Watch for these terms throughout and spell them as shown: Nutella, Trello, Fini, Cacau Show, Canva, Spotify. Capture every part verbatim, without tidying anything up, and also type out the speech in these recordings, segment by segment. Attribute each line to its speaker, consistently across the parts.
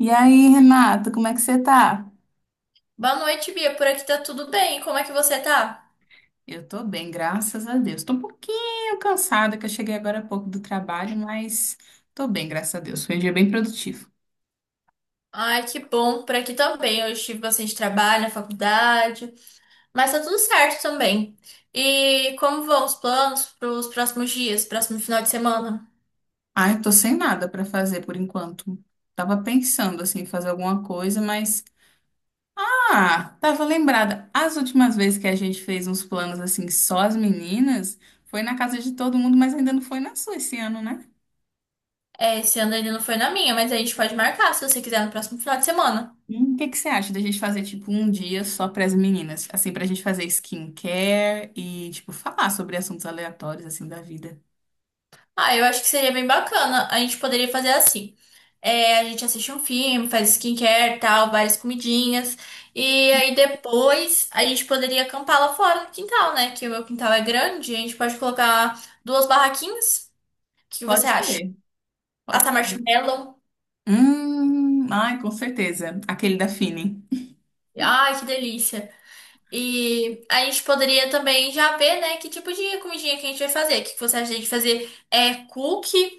Speaker 1: E aí, Renata, como é que você tá?
Speaker 2: Boa noite, Bia. Por aqui tá tudo bem. Como é que você tá?
Speaker 1: Eu tô bem, graças a Deus. Tô um pouquinho cansada, que eu cheguei agora há pouco do trabalho, mas tô bem, graças a Deus. Foi um dia bem produtivo.
Speaker 2: Ai, que bom. Por aqui também. Eu tive bastante trabalho na faculdade, mas tá tudo certo também. E como vão os planos para os próximos dias, próximo final de semana?
Speaker 1: Ah, eu tô sem nada pra fazer por enquanto. Tava pensando, assim, em fazer alguma coisa, mas... Ah, tava lembrada. As últimas vezes que a gente fez uns planos, assim, só as meninas, foi na casa de todo mundo, mas ainda não foi na sua esse ano, né?
Speaker 2: É, esse ano ainda não foi na minha, mas a gente pode marcar se você quiser no próximo final de semana.
Speaker 1: Hum, o que que você acha da gente fazer, tipo, um dia só para as meninas? Assim, pra gente fazer skincare e, tipo, falar sobre assuntos aleatórios, assim, da vida.
Speaker 2: Ah, eu acho que seria bem bacana. A gente poderia fazer assim. É, a gente assiste um filme, faz skincare, tal, várias comidinhas. E aí depois a gente poderia acampar lá fora no quintal, né? Que o meu quintal é grande. A gente pode colocar duas barraquinhas. O que você
Speaker 1: Pode
Speaker 2: acha?
Speaker 1: ser, pode
Speaker 2: Assar
Speaker 1: ser.
Speaker 2: marshmallow.
Speaker 1: Hum, ai, com certeza. Aquele da Fini.
Speaker 2: Ai, que delícia. E a gente poderia também já ver, né, que tipo de comidinha que a gente vai fazer. O que que você acha de a gente fazer? É cookie,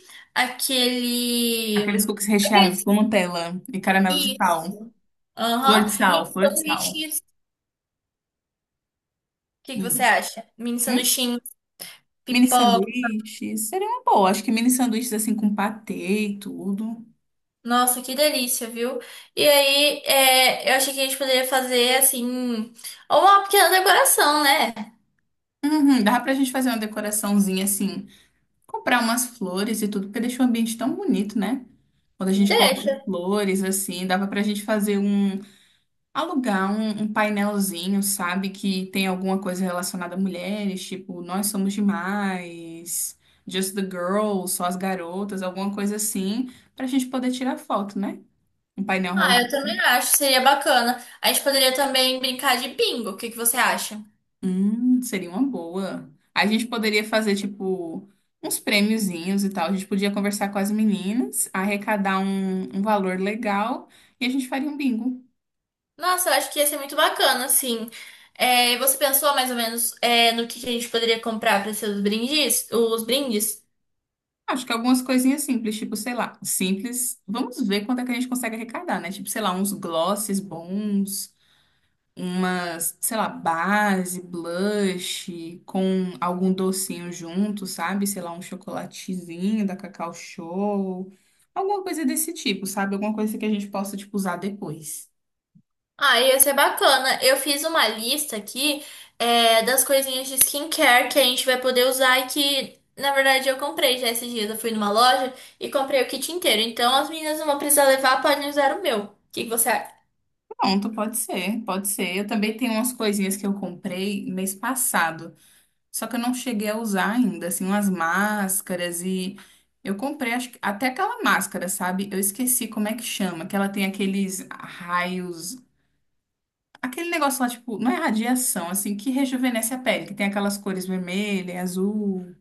Speaker 1: Aqueles
Speaker 2: aquele.
Speaker 1: cookies recheados com Nutella e caramelo de sal.
Speaker 2: Isso.
Speaker 1: Flor
Speaker 2: Aham.
Speaker 1: de sal,
Speaker 2: Mini
Speaker 1: flor de sal.
Speaker 2: sanduíches. O que que você
Speaker 1: Hum.
Speaker 2: acha? Mini
Speaker 1: Hum?
Speaker 2: sanduíchinhos,
Speaker 1: Mini
Speaker 2: pipoca.
Speaker 1: sanduíches. Seria uma boa. Acho que mini sanduíches, assim, com patê e tudo.
Speaker 2: Nossa, que delícia, viu? E aí, é, eu achei que a gente poderia fazer, assim, uma pequena decoração, né?
Speaker 1: Uhum, dá pra gente fazer uma decoraçãozinha, assim, comprar umas flores e tudo, porque deixa o ambiente tão bonito, né? Quando a gente coloca
Speaker 2: Deixa.
Speaker 1: flores assim, dava pra gente fazer um, alugar um, um painelzinho, sabe? Que tem alguma coisa relacionada a mulheres, tipo, nós somos demais, just the girls, só as garotas, alguma coisa assim, pra gente poder tirar foto, né? Um painel
Speaker 2: Ah,
Speaker 1: rosa.
Speaker 2: eu também acho, seria bacana. A gente poderia também brincar de bingo. O que que você acha?
Speaker 1: Hum, seria uma boa. A gente poderia fazer, tipo, uns prêmiozinhos e tal. A gente podia conversar com as meninas, arrecadar um, um valor legal e a gente faria um bingo.
Speaker 2: Nossa, eu acho que ia ser muito bacana, assim. É, você pensou mais ou menos, é, no que que a gente poderia comprar para ser os brindes? Os brindes?
Speaker 1: Acho que algumas coisinhas simples, tipo, sei lá, simples. Vamos ver quanto é que a gente consegue arrecadar, né? Tipo, sei lá, uns glosses bons, umas, sei lá, base, blush, com algum docinho junto, sabe? Sei lá, um chocolatezinho da Cacau Show, alguma coisa desse tipo, sabe? Alguma coisa que a gente possa, tipo, usar depois.
Speaker 2: Ah, ia ser bacana. Eu fiz uma lista aqui, é, das coisinhas de skincare que a gente vai poder usar e que, na verdade, eu comprei já esses dias. Eu fui numa loja e comprei o kit inteiro. Então, as meninas não vão precisar levar, podem usar o meu. O que que você acha?
Speaker 1: Pronto, pode ser, pode ser. Eu também tenho umas coisinhas que eu comprei mês passado, só que eu não cheguei a usar ainda, assim, umas máscaras e eu comprei acho que- até aquela máscara, sabe? Eu esqueci como é que chama, que ela tem aqueles raios. Aquele negócio lá, tipo, não é radiação, assim, que rejuvenesce a pele, que tem aquelas cores vermelha, azul,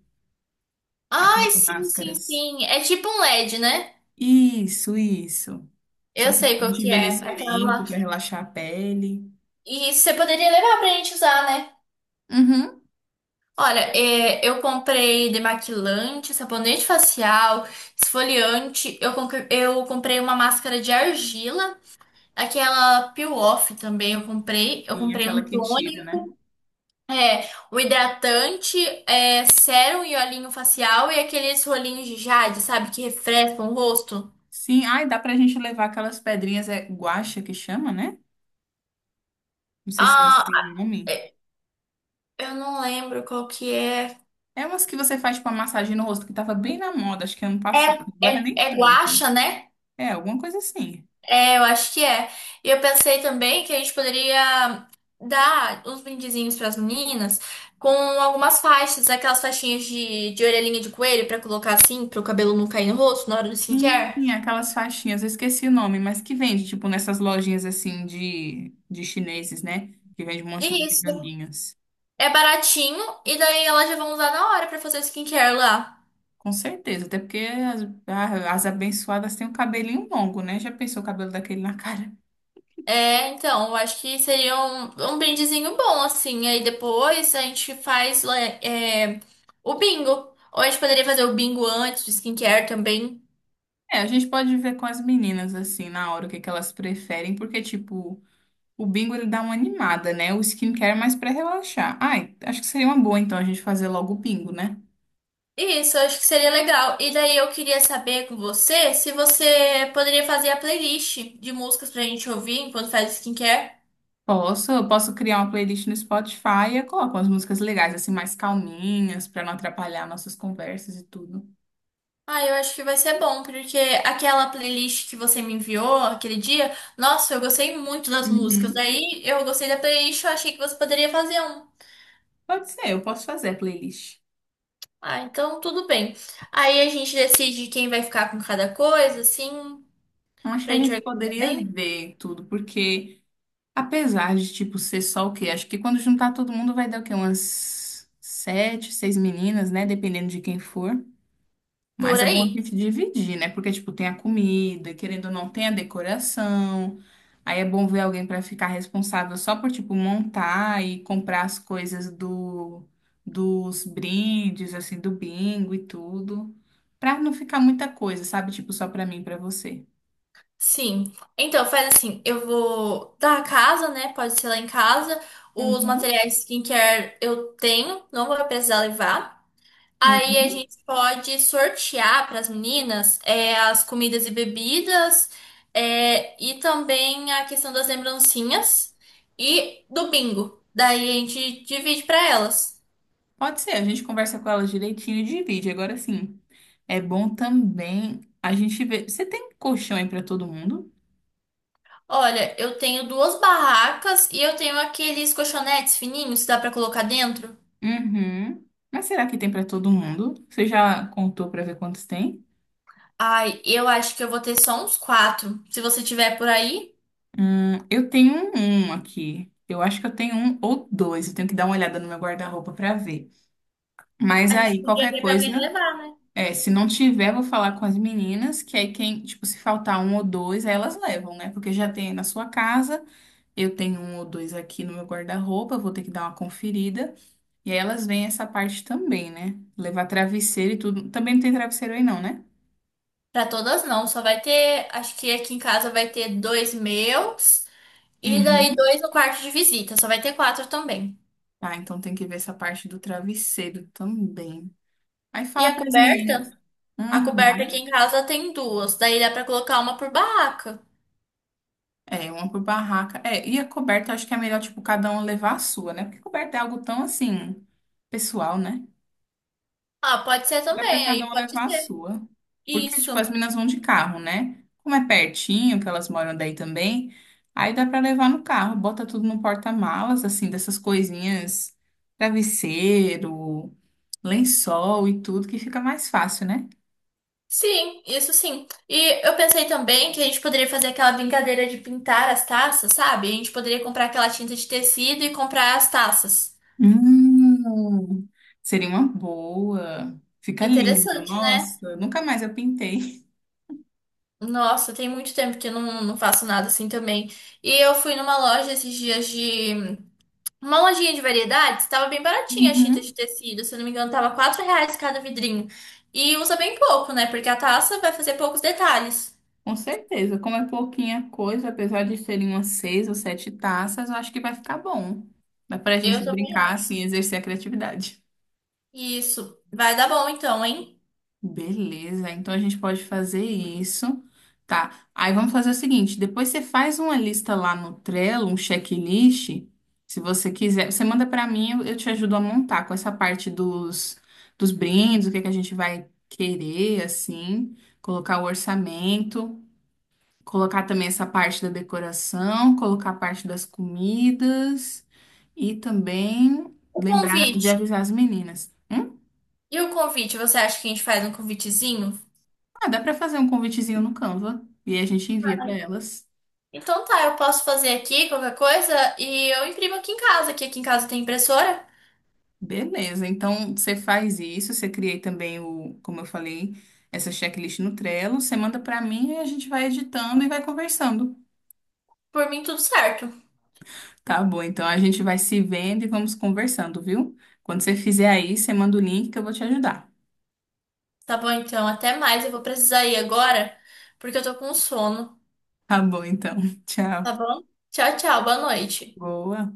Speaker 2: Ai,
Speaker 1: aquelas
Speaker 2: sim, sim,
Speaker 1: máscaras.
Speaker 2: sim. É tipo um L E D, né?
Speaker 1: Isso, isso.
Speaker 2: Eu
Speaker 1: Só que
Speaker 2: sei qual
Speaker 1: de
Speaker 2: que é. Aquela...
Speaker 1: envelhecimento, pra relaxar a pele.
Speaker 2: E você poderia levar pra gente usar, né?
Speaker 1: Uhum.
Speaker 2: Olha, é, eu comprei demaquilante, sabonete facial, esfoliante. Eu, conque- eu comprei uma máscara de argila. Aquela Peel Off também eu comprei. Eu
Speaker 1: Tem
Speaker 2: comprei
Speaker 1: aquela
Speaker 2: um
Speaker 1: que tira, né?
Speaker 2: tônico, é, um hidratante, é, sérum e olhinho facial e aqueles rolinhos de jade, sabe? Que refrescam o rosto.
Speaker 1: Sim, ai, dá pra gente levar aquelas pedrinhas, é guaxa que chama, né? Não sei se é
Speaker 2: Ah,
Speaker 1: assim o nome.
Speaker 2: é, eu não lembro qual que é.
Speaker 1: É umas que você faz, tipo, uma massagem no rosto, que tava bem na moda, acho que ano
Speaker 2: É,
Speaker 1: passado, agora
Speaker 2: é,
Speaker 1: nem
Speaker 2: é
Speaker 1: tanto.
Speaker 2: guaxa, né?
Speaker 1: É, alguma coisa assim.
Speaker 2: É, eu acho que é. E eu pensei também que a gente poderia dar uns brindezinhos para as meninas com algumas faixas, aquelas faixinhas de, de orelhinha de coelho para colocar assim, para o cabelo não cair no rosto na hora do skincare.
Speaker 1: Sim, aquelas faixinhas, eu esqueci o nome, mas que vende, tipo, nessas lojinhas assim de, de chineses, né? Que vende um monte de
Speaker 2: Isso.
Speaker 1: bugiganguinhas.
Speaker 2: É baratinho e daí elas já vão usar na hora pra fazer o skincare lá.
Speaker 1: Com certeza, até porque as, ah, as abençoadas têm um cabelinho longo, né? Já pensou o cabelo daquele na cara?
Speaker 2: É, então, eu acho que seria um, um brindezinho bom, assim. Aí depois a gente faz lá, é, o bingo. Ou a gente poderia fazer o bingo antes do skincare também.
Speaker 1: É, a gente pode ver com as meninas, assim, na hora, o que que elas preferem, porque, tipo, o bingo ele dá uma animada, né? O skincare é mais pra relaxar. Ai, acho que seria uma boa, então, a gente fazer logo o bingo, né?
Speaker 2: Isso, eu acho que seria legal. E daí eu queria saber com você se você poderia fazer a playlist de músicas pra gente ouvir enquanto faz o skincare.
Speaker 1: Posso, eu posso criar uma playlist no Spotify e eu coloco umas músicas legais, assim, mais calminhas, para não atrapalhar nossas conversas e tudo.
Speaker 2: Ah, eu acho que vai ser bom, porque aquela playlist que você me enviou aquele dia, nossa, eu gostei muito das músicas.
Speaker 1: Uhum.
Speaker 2: Daí eu gostei da playlist, eu achei que você poderia fazer um.
Speaker 1: Pode ser, eu posso fazer a playlist.
Speaker 2: Ah, então tudo bem. Aí a gente decide quem vai ficar com cada coisa, assim,
Speaker 1: Então, acho que
Speaker 2: pra
Speaker 1: a
Speaker 2: gente
Speaker 1: gente
Speaker 2: organizar
Speaker 1: poderia
Speaker 2: bem.
Speaker 1: ver tudo, porque apesar de, tipo, ser só o quê? Acho que quando juntar todo mundo vai dar o quê? Umas sete, seis meninas, né? Dependendo de quem for.
Speaker 2: Por
Speaker 1: Mas é bom a
Speaker 2: aí.
Speaker 1: gente dividir, né? Porque, tipo, tem a comida, querendo ou não, tem a decoração. Aí é bom ver alguém para ficar responsável só por, tipo, montar e comprar as coisas do, dos brindes, assim, do bingo e tudo. Pra não ficar muita coisa, sabe? Tipo, só pra mim e pra você.
Speaker 2: Sim. Então, faz assim, eu vou da casa, né? Pode ser lá em casa. Os
Speaker 1: Uhum,
Speaker 2: materiais skincare eu tenho, não vou precisar levar. Aí a
Speaker 1: uhum.
Speaker 2: gente pode sortear para as meninas é, as comidas e bebidas é, e também a questão das lembrancinhas e do bingo. Daí a gente divide para elas.
Speaker 1: Pode ser, a gente conversa com ela direitinho e divide. Agora sim, é bom também a gente ver. Você tem colchão aí pra todo mundo?
Speaker 2: Olha, eu tenho duas barracas e eu tenho aqueles colchonetes fininhos que dá para colocar dentro.
Speaker 1: Uhum. Mas será que tem para todo mundo? Você já contou para ver quantos tem?
Speaker 2: Ai, eu acho que eu vou ter só uns quatro. Se você tiver por aí,
Speaker 1: Hum, eu tenho um, um aqui. Eu acho que eu tenho um ou dois. Eu tenho que dar uma olhada no meu guarda-roupa para ver. Mas
Speaker 2: a gente
Speaker 1: aí,
Speaker 2: podia
Speaker 1: qualquer
Speaker 2: ver para alguém
Speaker 1: coisa,
Speaker 2: levar, né?
Speaker 1: é, se não tiver, vou falar com as meninas, que aí quem, tipo, se faltar um ou dois, aí elas levam, né? Porque já tem aí na sua casa. Eu tenho um ou dois aqui no meu guarda-roupa, eu vou ter que dar uma conferida. E aí elas veem essa parte também, né? Levar travesseiro e tudo. Também não tem travesseiro aí, não, né?
Speaker 2: Para todas não, só vai ter. Acho que aqui em casa vai ter dois meus. E daí
Speaker 1: Uhum.
Speaker 2: dois no quarto de visita, só vai ter quatro também.
Speaker 1: Ah, então tem que ver essa parte do travesseiro também. Aí
Speaker 2: E
Speaker 1: fala
Speaker 2: a
Speaker 1: para as meninas.
Speaker 2: coberta? A coberta aqui em
Speaker 1: Uhum.
Speaker 2: casa tem duas, daí dá pra colocar uma por barraca.
Speaker 1: É, uma por barraca. É, e a coberta, eu acho que é melhor, tipo, cada um levar a sua, né? Porque coberta é algo tão, assim, pessoal, né?
Speaker 2: Ah, pode ser
Speaker 1: Dá para
Speaker 2: também,
Speaker 1: cada
Speaker 2: aí
Speaker 1: um
Speaker 2: pode
Speaker 1: levar a
Speaker 2: ser.
Speaker 1: sua. Porque, tipo, as
Speaker 2: Isso.
Speaker 1: meninas vão de carro, né? Como é pertinho, que elas moram daí também, aí dá para levar no carro. Bota tudo no porta-malas, assim, dessas coisinhas, travesseiro, lençol e tudo, que fica mais fácil, né?
Speaker 2: Sim, isso sim. E eu pensei também que a gente poderia fazer aquela brincadeira de pintar as taças, sabe? A gente poderia comprar aquela tinta de tecido e comprar as taças.
Speaker 1: Hum, seria uma boa. Fica lindo.
Speaker 2: Interessante, né?
Speaker 1: Nossa, nunca mais eu pintei.
Speaker 2: Nossa, tem muito tempo que eu não, não faço nada assim também. E eu fui numa loja esses dias de uma lojinha de variedades, estava bem baratinha a Cheetos de
Speaker 1: Uhum,
Speaker 2: tecido, se eu não me engano, tava quatro reais cada vidrinho. E usa bem pouco, né? Porque a taça vai fazer poucos detalhes.
Speaker 1: com certeza. Como é pouquinha coisa, apesar de serem umas seis ou sete taças, eu acho que vai ficar bom. Dá pra
Speaker 2: Eu
Speaker 1: gente
Speaker 2: também
Speaker 1: brincar,
Speaker 2: acho.
Speaker 1: assim, exercer a criatividade.
Speaker 2: Isso. Vai dar bom então, hein?
Speaker 1: Beleza, então a gente pode fazer isso, tá? Aí vamos fazer o seguinte: depois você faz uma lista lá no Trello, um checklist, se você quiser. Você manda pra mim, eu eu te ajudo a montar com essa parte dos, dos brindes, o que é que a gente vai querer, assim, colocar o orçamento, colocar também essa parte da decoração, colocar a parte das comidas e também
Speaker 2: O
Speaker 1: lembrar de
Speaker 2: convite.
Speaker 1: avisar as meninas. Hum?
Speaker 2: E o convite, você acha que a gente faz um convitezinho?
Speaker 1: Ah, dá pra fazer um convitezinho no Canva e a gente envia pra elas.
Speaker 2: Então tá, eu posso fazer aqui qualquer coisa e eu imprimo aqui em casa, que aqui em casa tem impressora.
Speaker 1: Beleza, então você faz isso, você cria também o, como eu falei, essa checklist no Trello, você manda pra mim e a gente vai editando e vai conversando.
Speaker 2: Por mim, tudo certo.
Speaker 1: Tá bom, então a gente vai se vendo e vamos conversando, viu? Quando você fizer aí, você manda o link que eu vou te ajudar.
Speaker 2: Tá bom então, até mais. Eu vou precisar ir agora, porque eu tô com sono.
Speaker 1: Tá bom, então.
Speaker 2: Tá
Speaker 1: Tchau.
Speaker 2: bom? Tchau, tchau. Boa noite.
Speaker 1: Boa.